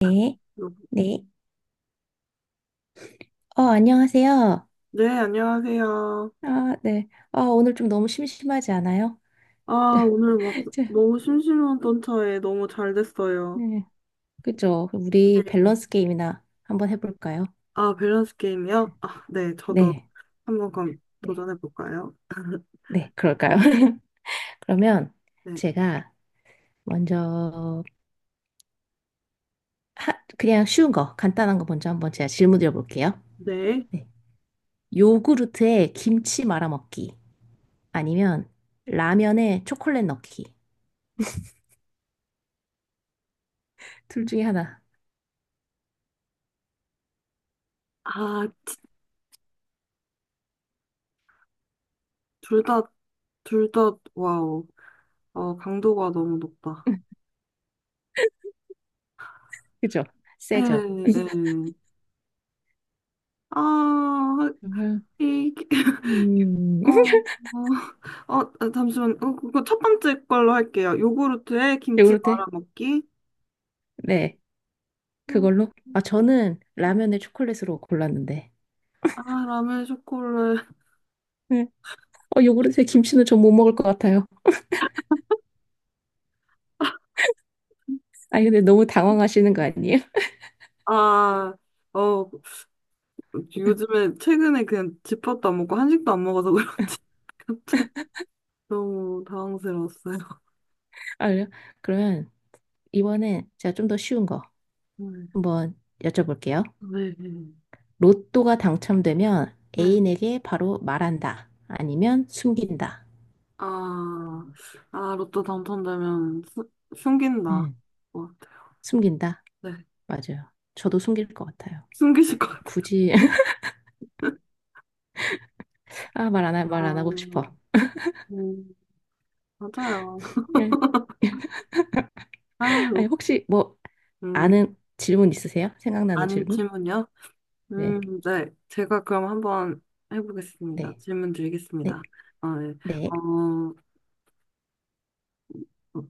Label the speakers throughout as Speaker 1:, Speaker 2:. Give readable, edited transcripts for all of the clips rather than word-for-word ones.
Speaker 1: 네,
Speaker 2: 여보.
Speaker 1: 네. 안녕하세요.
Speaker 2: 네, 안녕하세요.
Speaker 1: 아, 네. 아, 오늘 좀 너무 심심하지 않아요?
Speaker 2: 아, 오늘 막
Speaker 1: 저-
Speaker 2: 너무 심심했던 차에 너무 잘 됐어요.
Speaker 1: 네. 그죠? 그럼 우리
Speaker 2: 네.
Speaker 1: 밸런스 게임이나 한번 해볼까요?
Speaker 2: 아, 밸런스 게임이요? 아, 네, 저도
Speaker 1: 네,
Speaker 2: 한번 그럼
Speaker 1: 네,
Speaker 2: 도전해 볼까요?
Speaker 1: 네, 그럴까요? 그러면
Speaker 2: 네.
Speaker 1: 제가 먼저 하, 그냥 쉬운 거, 간단한 거 먼저 한번 제가 질문 드려볼게요.
Speaker 2: 네.
Speaker 1: 네. 요구르트에 김치 말아 먹기 아니면 라면에 초콜릿 넣기 둘 중에 하나.
Speaker 2: 아, 둘 다, 둘 다, 와우. 어, 강도가 너무 높다.
Speaker 1: 그죠?
Speaker 2: 예,
Speaker 1: 세죠?
Speaker 2: 예. 아,
Speaker 1: 음,
Speaker 2: 이,
Speaker 1: 음.
Speaker 2: 어, 어, 어, 아, 잠시만. 어, 그거 첫 번째 걸로 할게요. 요구르트에 김치
Speaker 1: 요구르트
Speaker 2: 말아 먹기.
Speaker 1: 네, 그걸로. 아, 저는 라면을 초콜릿으로 골랐는데.
Speaker 2: 아, 라면 초콜릿.
Speaker 1: 네. 어, 요구르트에 김치는 전 못 먹을 것 같아요. 아, 근데 너무 당황하시는 거 아니에요?
Speaker 2: 아, 어, 요즘에 최근에 그냥 집밥도 안 먹고 한식도 안 먹어서 그런지 갑자기 너무 당황스러웠어요.
Speaker 1: 아, 그래요? 그러면 이번엔 제가 좀 더 쉬운 거
Speaker 2: 네.
Speaker 1: 한번 여쭤볼게요.
Speaker 2: 네.
Speaker 1: 로또가 당첨되면
Speaker 2: 네.
Speaker 1: 애인에게 바로 말한다. 아니면 숨긴다.
Speaker 2: 아, 아, 로또 당첨되면 숨긴다.
Speaker 1: 음.
Speaker 2: 어,
Speaker 1: 숨긴다.
Speaker 2: 네.
Speaker 1: 맞아요. 저도 숨길 것 같아요.
Speaker 2: 숨기실 것 같아요.
Speaker 1: 굳이, 아, 말 안, 하- 말안 하고
Speaker 2: 아,
Speaker 1: 싶어.
Speaker 2: 음, 맞아요.
Speaker 1: 네.
Speaker 2: 아,
Speaker 1: 아니,
Speaker 2: 로-
Speaker 1: 혹시 뭐
Speaker 2: 음,
Speaker 1: 아는 질문 있으세요? 생각나는
Speaker 2: 아닌
Speaker 1: 질문?
Speaker 2: 질문이요?
Speaker 1: 네.
Speaker 2: 네. 제가 그럼 한번 해보겠습니다.
Speaker 1: 네,
Speaker 2: 질문
Speaker 1: 네,
Speaker 2: 드리겠습니다. 아, 네.
Speaker 1: 네.
Speaker 2: 어,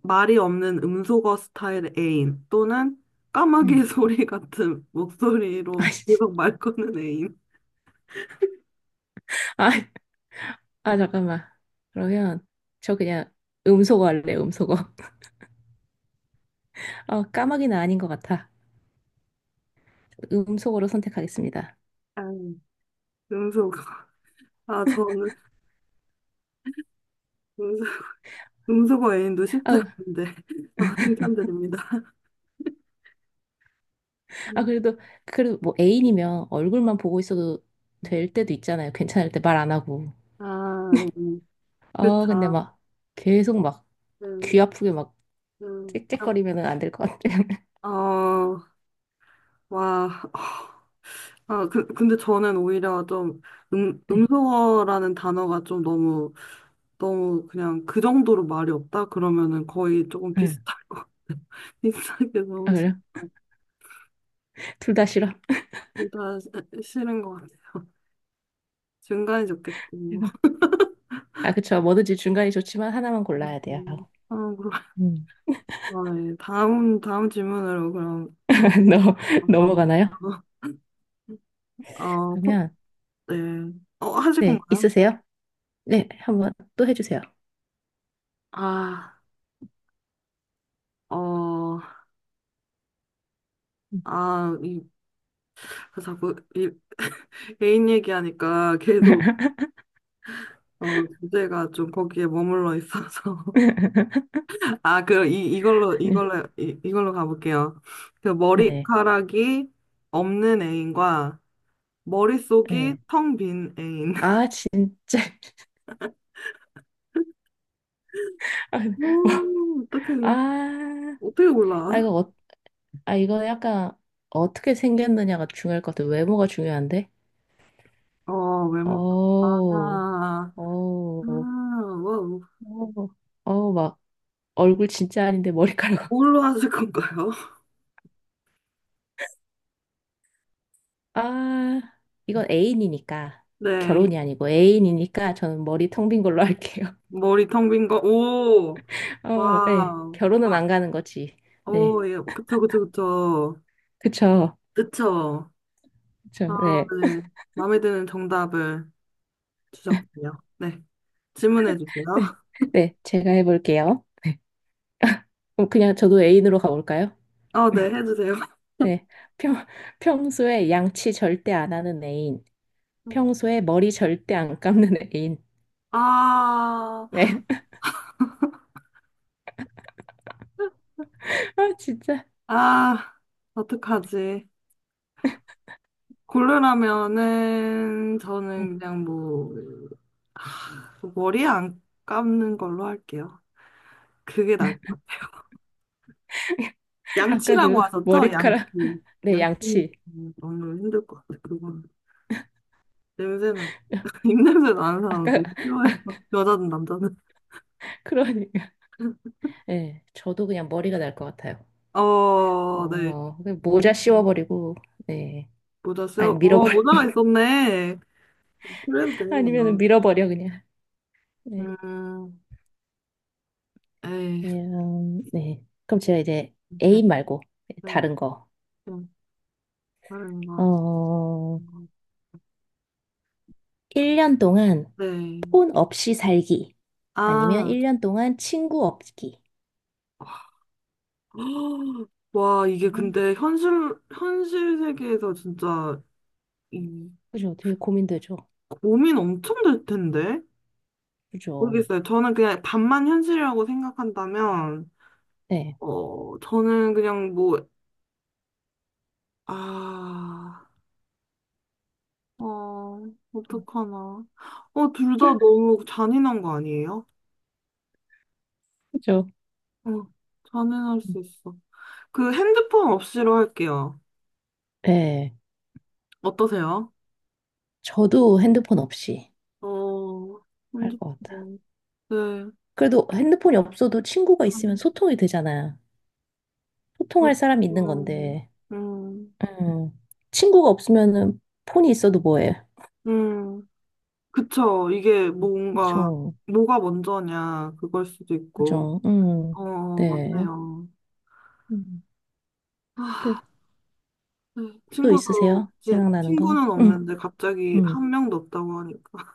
Speaker 2: 말이 없는 음소거 스타일 애인 또는 까마귀
Speaker 1: 음.
Speaker 2: 소리 같은 목소리로 계속 말 거는 애인.
Speaker 1: 아, 아, 아, 잠깐만. 그러면 저 그냥 음소거 할래, 음소거. 아, 까마귀는 아닌 것 같아. 음소거로 선택하겠습니다.
Speaker 2: 아, 음소거. 아, 저는 음소, 음소거 애인도 쉽지
Speaker 1: 아,
Speaker 2: 않은데. 아, 칭찬드립니다.
Speaker 1: 아
Speaker 2: 음.
Speaker 1: 그래도 그래도 뭐 애인이면 얼굴만 보고 있어도 될 때도 있잖아요. 괜찮을 때 말 안 하고.
Speaker 2: 아,
Speaker 1: 아, 근데
Speaker 2: 그쵸.
Speaker 1: 막 계속 막 귀
Speaker 2: 음,
Speaker 1: 아프게 막
Speaker 2: 아,
Speaker 1: 짹짹거리면은 안 될 것 같아요.
Speaker 2: 어, 와. 아, 근데 저는 오히려 좀
Speaker 1: 네.
Speaker 2: 음소거라는 단어가 좀 너무 너무 그냥 그 정도로 말이 없다? 그러면은 거의 조금
Speaker 1: 응.
Speaker 2: 비슷할 거, 비슷하게
Speaker 1: 아,
Speaker 2: 너무 싫다.
Speaker 1: 그래요? 둘 다 싫어.
Speaker 2: 둘다 싫은 것 같아. 중간이 좋겠지, 뭐.
Speaker 1: 아, 그쵸. 뭐든지 중간이 좋지만 하나만 골라야 돼요.
Speaker 2: 아, 그럼.
Speaker 1: 음.
Speaker 2: 아, 예. 다음 질문으로 그럼.
Speaker 1: 넘-
Speaker 2: 아,
Speaker 1: 넘어가나요?
Speaker 2: 아, 어, 꽃,
Speaker 1: 그러면,
Speaker 2: 네. 어, 하실
Speaker 1: 네,
Speaker 2: 건가요?
Speaker 1: 있으세요? 네, 한 번 또 해주세요.
Speaker 2: 아, 어, 아, 이, 그 자꾸 개인 얘기하니까 계속, 어, 주제가 좀 거기에 머물러 있어서.
Speaker 1: 네,
Speaker 2: 아, 그, 이, 이걸로, 이걸로, 이, 이걸로 가볼게요. 그
Speaker 1: 네.
Speaker 2: 머리카락이 없는 애인과 머릿속이
Speaker 1: 네.
Speaker 2: 텅 빈 애인.
Speaker 1: 아, 진짜. 아,
Speaker 2: 오, 어떻게,
Speaker 1: 아,
Speaker 2: 어떻게 몰라?
Speaker 1: 아, 아, 이거 약간 어떻게 생겼느냐가 중요할 것 같아요. 외모가 중요한데?
Speaker 2: 어, 외모. 아,
Speaker 1: 어우,
Speaker 2: 아,
Speaker 1: 어우,
Speaker 2: 와,
Speaker 1: 어우, 어우, 막 얼굴 진짜 아닌데 머리카락.
Speaker 2: 뭘로 하실 건가요?
Speaker 1: 아, 이건 애인이니까.
Speaker 2: 네,
Speaker 1: 결혼이 아니고 애인이니까 저는 머리 텅빈 걸로 할게요.
Speaker 2: 머리 텅 빈 거, 오,
Speaker 1: 어, 네.
Speaker 2: 와,
Speaker 1: 결혼은 안
Speaker 2: 와,
Speaker 1: 가는 거지. 네.
Speaker 2: 오, 예, 그쵸, 그쵸, 그쵸.
Speaker 1: 그쵸.
Speaker 2: 그쵸. 아,
Speaker 1: 그쵸. 네.
Speaker 2: 네. 마음에 드는 정답을 주셨군요. 네, 질문해 주세요.
Speaker 1: 네. 네. 제가 해볼게요. 네. 그럼 그냥 저도 애인으로 가볼까요?
Speaker 2: 어, 네, 해주세요.
Speaker 1: 네. 평, 평소에 양치 절대 안 하는 애인. 평소에 머리 절대 안 감는 애인.
Speaker 2: 아,
Speaker 1: 네. 아, 진짜.
Speaker 2: 아, 어떡하지? 고르라면은
Speaker 1: 네.
Speaker 2: 저는 그냥 뭐 머리 안 감는 걸로 할게요. 그게 나을 것 같아요.
Speaker 1: 아까
Speaker 2: 양치라고
Speaker 1: 그
Speaker 2: 하셨죠? 양치.
Speaker 1: 머리카락. 네,
Speaker 2: 양치
Speaker 1: 양치.
Speaker 2: 너무 힘들 것 같아요. 그건 냄새 나. 입냄새 나는 사람
Speaker 1: 아까,
Speaker 2: 너무
Speaker 1: 아,
Speaker 2: 싫어해요. 여자든 남자든.
Speaker 1: 그러니까. 네. 저도 그냥 머리가 날 것 같아요.
Speaker 2: 어, 네.
Speaker 1: 어, 그냥 모자 씌워버리고. 네.
Speaker 2: 모자
Speaker 1: 아니,
Speaker 2: 써요? 어,
Speaker 1: 밀어버려.
Speaker 2: 모자가 있었네. 그래도
Speaker 1: 아니면
Speaker 2: 되겠네요.
Speaker 1: 밀어버려, 그냥. 네.
Speaker 2: 음, 에이.
Speaker 1: 네, 네. 그럼 제가 이제
Speaker 2: 네,
Speaker 1: 애인 말고
Speaker 2: 네.
Speaker 1: 다른 거.
Speaker 2: 음, 다른 거.
Speaker 1: 어,
Speaker 2: 음,
Speaker 1: 1년 동안
Speaker 2: 네.
Speaker 1: 폰 없이 살기. 아니면
Speaker 2: 아,
Speaker 1: 1년 동안 친구 없기.
Speaker 2: 와, 이게
Speaker 1: 음,
Speaker 2: 근데 현실, 현실 세계에서 진짜 이
Speaker 1: 그죠? 되게 고민되죠?
Speaker 2: 고민 엄청 될 텐데?
Speaker 1: 그죠?
Speaker 2: 모르겠어요. 저는 그냥 반만 현실이라고 생각한다면,
Speaker 1: 네.
Speaker 2: 어, 저는 그냥 뭐, 아, 어, 어떡하나. 어, 둘 다 너무 잔인한 거 아니에요?
Speaker 1: 그죠?
Speaker 2: 어, 잔인할 수 있어. 그 핸드폰 없이로 할게요.
Speaker 1: 네.
Speaker 2: 어떠세요?
Speaker 1: 저도 핸드폰 없이
Speaker 2: 어,
Speaker 1: 할 것 같아.
Speaker 2: 핸드폰. 네.
Speaker 1: 그래도 핸드폰이 없어도 친구가 있으면 소통이 되잖아요.
Speaker 2: 음,
Speaker 1: 소통할 사람이 있는
Speaker 2: 음,
Speaker 1: 건데.
Speaker 2: 음,
Speaker 1: 음, 친구가 없으면은 폰이 있어도 뭐해?
Speaker 2: 음. 그쵸. 이게 뭔가,
Speaker 1: 그쵸?
Speaker 2: 뭐가 먼저냐, 그걸 수도 있고.
Speaker 1: 그죠?
Speaker 2: 어,
Speaker 1: 네.
Speaker 2: 맞네요.
Speaker 1: 음. 그,
Speaker 2: 아, 네.
Speaker 1: 또
Speaker 2: 친구도,
Speaker 1: 있으세요?
Speaker 2: 이제
Speaker 1: 생각나는 거?
Speaker 2: 친구는 없는데 갑자기
Speaker 1: 음.
Speaker 2: 한 명도 없다고 하니까.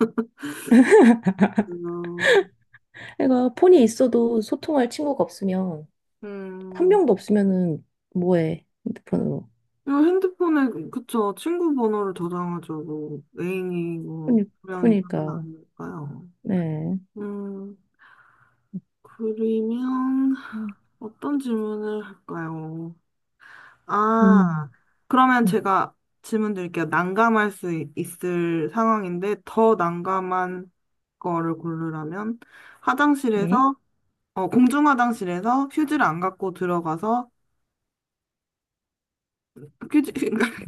Speaker 2: 음,
Speaker 1: 그러니까 폰이 있어도 소통할 친구가 없으면, 한
Speaker 2: 음.
Speaker 1: 명도 없으면은 뭐해? 핸드폰으로.
Speaker 2: 이거 핸드폰에, 그쵸. 친구 번호를 저장하죠. 뭐, 애인이 뭐,
Speaker 1: 그니-
Speaker 2: 두 명이 다 하나
Speaker 1: 그러니까,
Speaker 2: 아닐까요?
Speaker 1: 네.
Speaker 2: 음, 그러면 어떤 질문을 할까요? 아,
Speaker 1: 음,
Speaker 2: 그러면
Speaker 1: 음.
Speaker 2: 제가 질문 드릴게요. 난감할 수 있을 상황인데 더 난감한 거를 고르라면
Speaker 1: 네.
Speaker 2: 화장실에서 어, 공중 화장실에서 휴지를 안 갖고 들어가서 휴지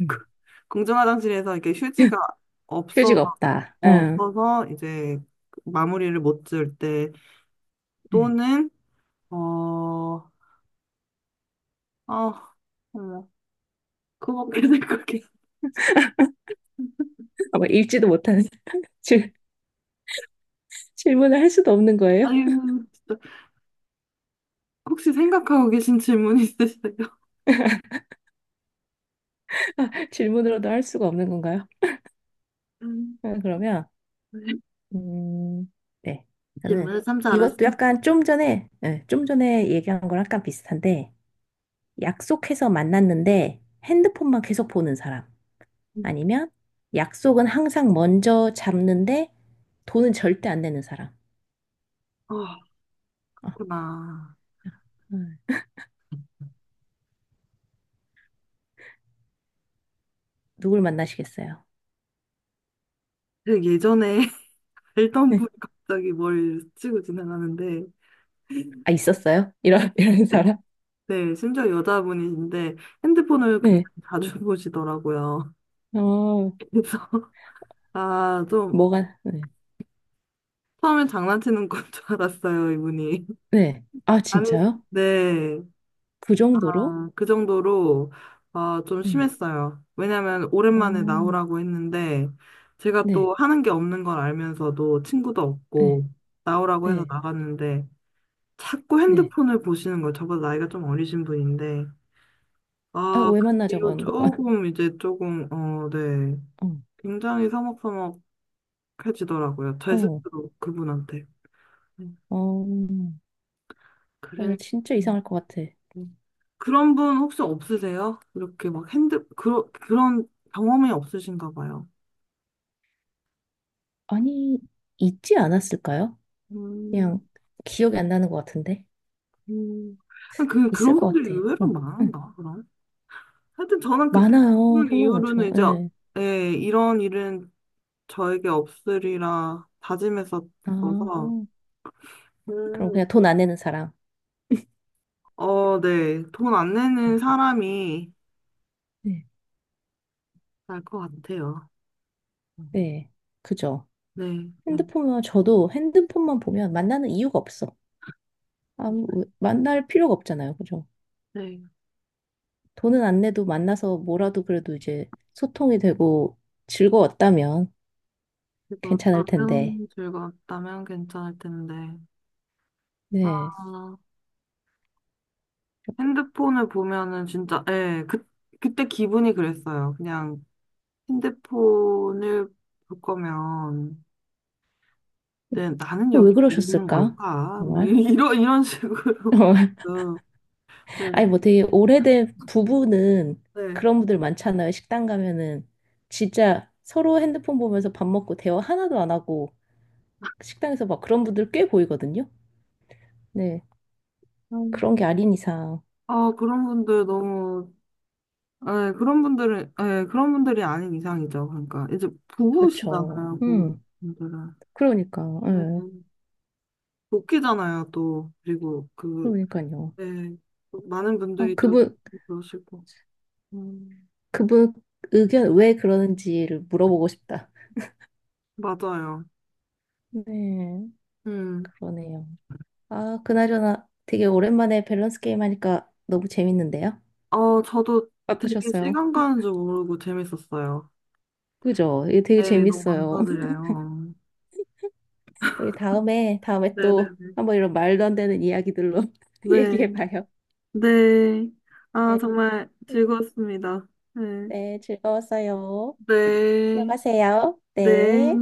Speaker 1: 음.
Speaker 2: 공중 화장실에서 이렇게 휴지가 없어서
Speaker 1: 휴지가
Speaker 2: 어,
Speaker 1: 없다. 응.
Speaker 2: 없어서 이제 마무리를 못 지을 때
Speaker 1: 응.
Speaker 2: 또는 어, 아, 어머, 그거밖에 생각이
Speaker 1: 아마 읽지도 못하는 질, 질문을 할 수도 없는 거예요?
Speaker 2: 아유, 진짜 혹시 생각하고 계신 질문 있으세요?
Speaker 1: 질문으로도 할 수가 없는 건가요? 응, 그러면, 음, 네. 저는
Speaker 2: 질문을 삼자 습
Speaker 1: 이것도
Speaker 2: 니
Speaker 1: 약간 좀 전에, 예, 좀 전에 얘기한 거랑 약간 비슷한데, 약속해서 만났는데 핸드폰만 계속 보는 사람. 아니면 약속은 항상 먼저 잡는데 돈은 절대 안 내는 사람.
Speaker 2: 다 아,
Speaker 1: 어,
Speaker 2: 그렇구나.
Speaker 1: 음, 누굴 만나시겠어요?
Speaker 2: 그 예전에 알던
Speaker 1: 네.
Speaker 2: 분이 갑자기 뭘 치고 지나가는데,
Speaker 1: 아, 있었어요? 이런, 이런 사람?
Speaker 2: 네, 심지어 여자분이신데 핸드폰을 굉장히
Speaker 1: 네.
Speaker 2: 자주 보시더라고요.
Speaker 1: 어,
Speaker 2: 그래서, 아, 좀,
Speaker 1: 뭐가, 네.
Speaker 2: 처음엔 장난치는 건 줄 알았어요, 이분이.
Speaker 1: 네. 아,
Speaker 2: 아니,
Speaker 1: 진짜요?
Speaker 2: 네.
Speaker 1: 그 정도로?
Speaker 2: 아, 그 정도로 어, 좀
Speaker 1: 네.
Speaker 2: 심했어요. 왜냐면
Speaker 1: 어,
Speaker 2: 오랜만에 나오라고 했는데 제가
Speaker 1: 네.
Speaker 2: 또 하는 게 없는 걸 알면서도 친구도
Speaker 1: 네.
Speaker 2: 없고 나오라고 해서
Speaker 1: 네.
Speaker 2: 나갔는데 자꾸
Speaker 1: 네.
Speaker 2: 핸드폰을 보시는 거예요. 저보다 나이가 좀 어리신 분인데
Speaker 1: 아,
Speaker 2: 아,
Speaker 1: 왜
Speaker 2: 그
Speaker 1: 만나자고
Speaker 2: 뒤로
Speaker 1: 한 거야?
Speaker 2: 조금 이제 조금 어, 네. 굉장히 서먹서먹해지더라고요.
Speaker 1: 어
Speaker 2: 제
Speaker 1: 어,
Speaker 2: 스스로 그분한테. 음,
Speaker 1: 어, 맞아.
Speaker 2: 그랬
Speaker 1: 진짜 이상할 것 같아.
Speaker 2: 음. 그런 분 혹시 없으세요? 이렇게 막 그런 경험이 없으신가 봐요.
Speaker 1: 아니, 있지 않았을까요? 그냥
Speaker 2: 음,
Speaker 1: 기억이 안 나는 것 같은데.
Speaker 2: 음. 그,
Speaker 1: 있을
Speaker 2: 그런
Speaker 1: 것
Speaker 2: 분들이
Speaker 1: 같아.
Speaker 2: 의외로
Speaker 1: 어, 응.
Speaker 2: 많은가, 그럼? 하여튼 저는 그때
Speaker 1: 많아요.
Speaker 2: 그분
Speaker 1: 정말
Speaker 2: 이후로는
Speaker 1: 많죠.
Speaker 2: 이제,
Speaker 1: 예.
Speaker 2: 예, 이런 일은 저에게 없으리라 다짐했었어서,
Speaker 1: 아, 그럼
Speaker 2: 음,
Speaker 1: 그냥 돈 안 내는 사람.
Speaker 2: 어, 네. 돈 안
Speaker 1: 응.
Speaker 2: 내는 사람이
Speaker 1: 네.
Speaker 2: 날 것 같아요.
Speaker 1: 네. 그죠.
Speaker 2: 네, 네,
Speaker 1: 핸드폰만, 저도 핸드폰만 보면 만나는 이유가 없어. 아무, 만날 필요가 없잖아요. 그죠.
Speaker 2: 네.
Speaker 1: 돈은 안 내도 만나서 뭐라도 그래도 이제 소통이 되고 즐거웠다면. 괜찮을 텐데.
Speaker 2: 즐거웠다면, 즐거웠다면 괜찮을 텐데.
Speaker 1: 네.
Speaker 2: 아, 핸드폰을 보면은 진짜, 예, 그, 그때 기분이 그랬어요. 그냥 핸드폰을 볼 거면, 네, 나는
Speaker 1: 왜
Speaker 2: 여기 왜 있는
Speaker 1: 그러셨을까?
Speaker 2: 걸까? 뭐, 이-
Speaker 1: 정말?
Speaker 2: 이런, 이런 식으로.
Speaker 1: 어,
Speaker 2: 좀,
Speaker 1: 아니, 뭐 되게 오래된 부부는
Speaker 2: 네.
Speaker 1: 그런 분들 많잖아요. 식당 가면은 진짜 서로 핸드폰 보면서 밥 먹고 대화 하나도 안 하고 식당에서 막 그런 분들 꽤 보이거든요. 네.
Speaker 2: 음,
Speaker 1: 그런 게 아닌 이상.
Speaker 2: 아, 그런 분들 너무, 예, 그런 분들은, 예, 그런 분들이 아닌 이상이죠. 그러니까, 이제
Speaker 1: 그렇죠.
Speaker 2: 부부시잖아요,
Speaker 1: 음.
Speaker 2: 부부분들은.
Speaker 1: 그러니까.
Speaker 2: 네,
Speaker 1: 예.
Speaker 2: 네. 웃기잖아요, 또. 그리고 그,
Speaker 1: 그러니까요.
Speaker 2: 예, 많은
Speaker 1: 아,
Speaker 2: 분들이 또
Speaker 1: 그분,
Speaker 2: 그러시고. 음,
Speaker 1: 그분 의견 왜 그러는지를 물어보고 싶다.
Speaker 2: 맞아요.
Speaker 1: 네.
Speaker 2: 음.
Speaker 1: 그러네요. 아, 그나저나 되게 오랜만에 밸런스 게임 하니까 너무 재밌는데요?
Speaker 2: 어, 저도 되게
Speaker 1: 어떠셨어요?
Speaker 2: 시간 가는 줄 모르고 재밌었어요.
Speaker 1: 그죠? 이게 되게
Speaker 2: 네, 너무
Speaker 1: 재밌어요.
Speaker 2: 감사드려요.
Speaker 1: 우리 다음에 또
Speaker 2: 네네네.
Speaker 1: 한번 이런 말도 안 되는 이야기들로
Speaker 2: 네.
Speaker 1: 얘기해봐요.
Speaker 2: 네. 아,
Speaker 1: 네.
Speaker 2: 정말
Speaker 1: 네,
Speaker 2: 즐거웠습니다. 네.
Speaker 1: 네, 즐거웠어요.
Speaker 2: 네.
Speaker 1: 들어가세요.
Speaker 2: 네.
Speaker 1: 네.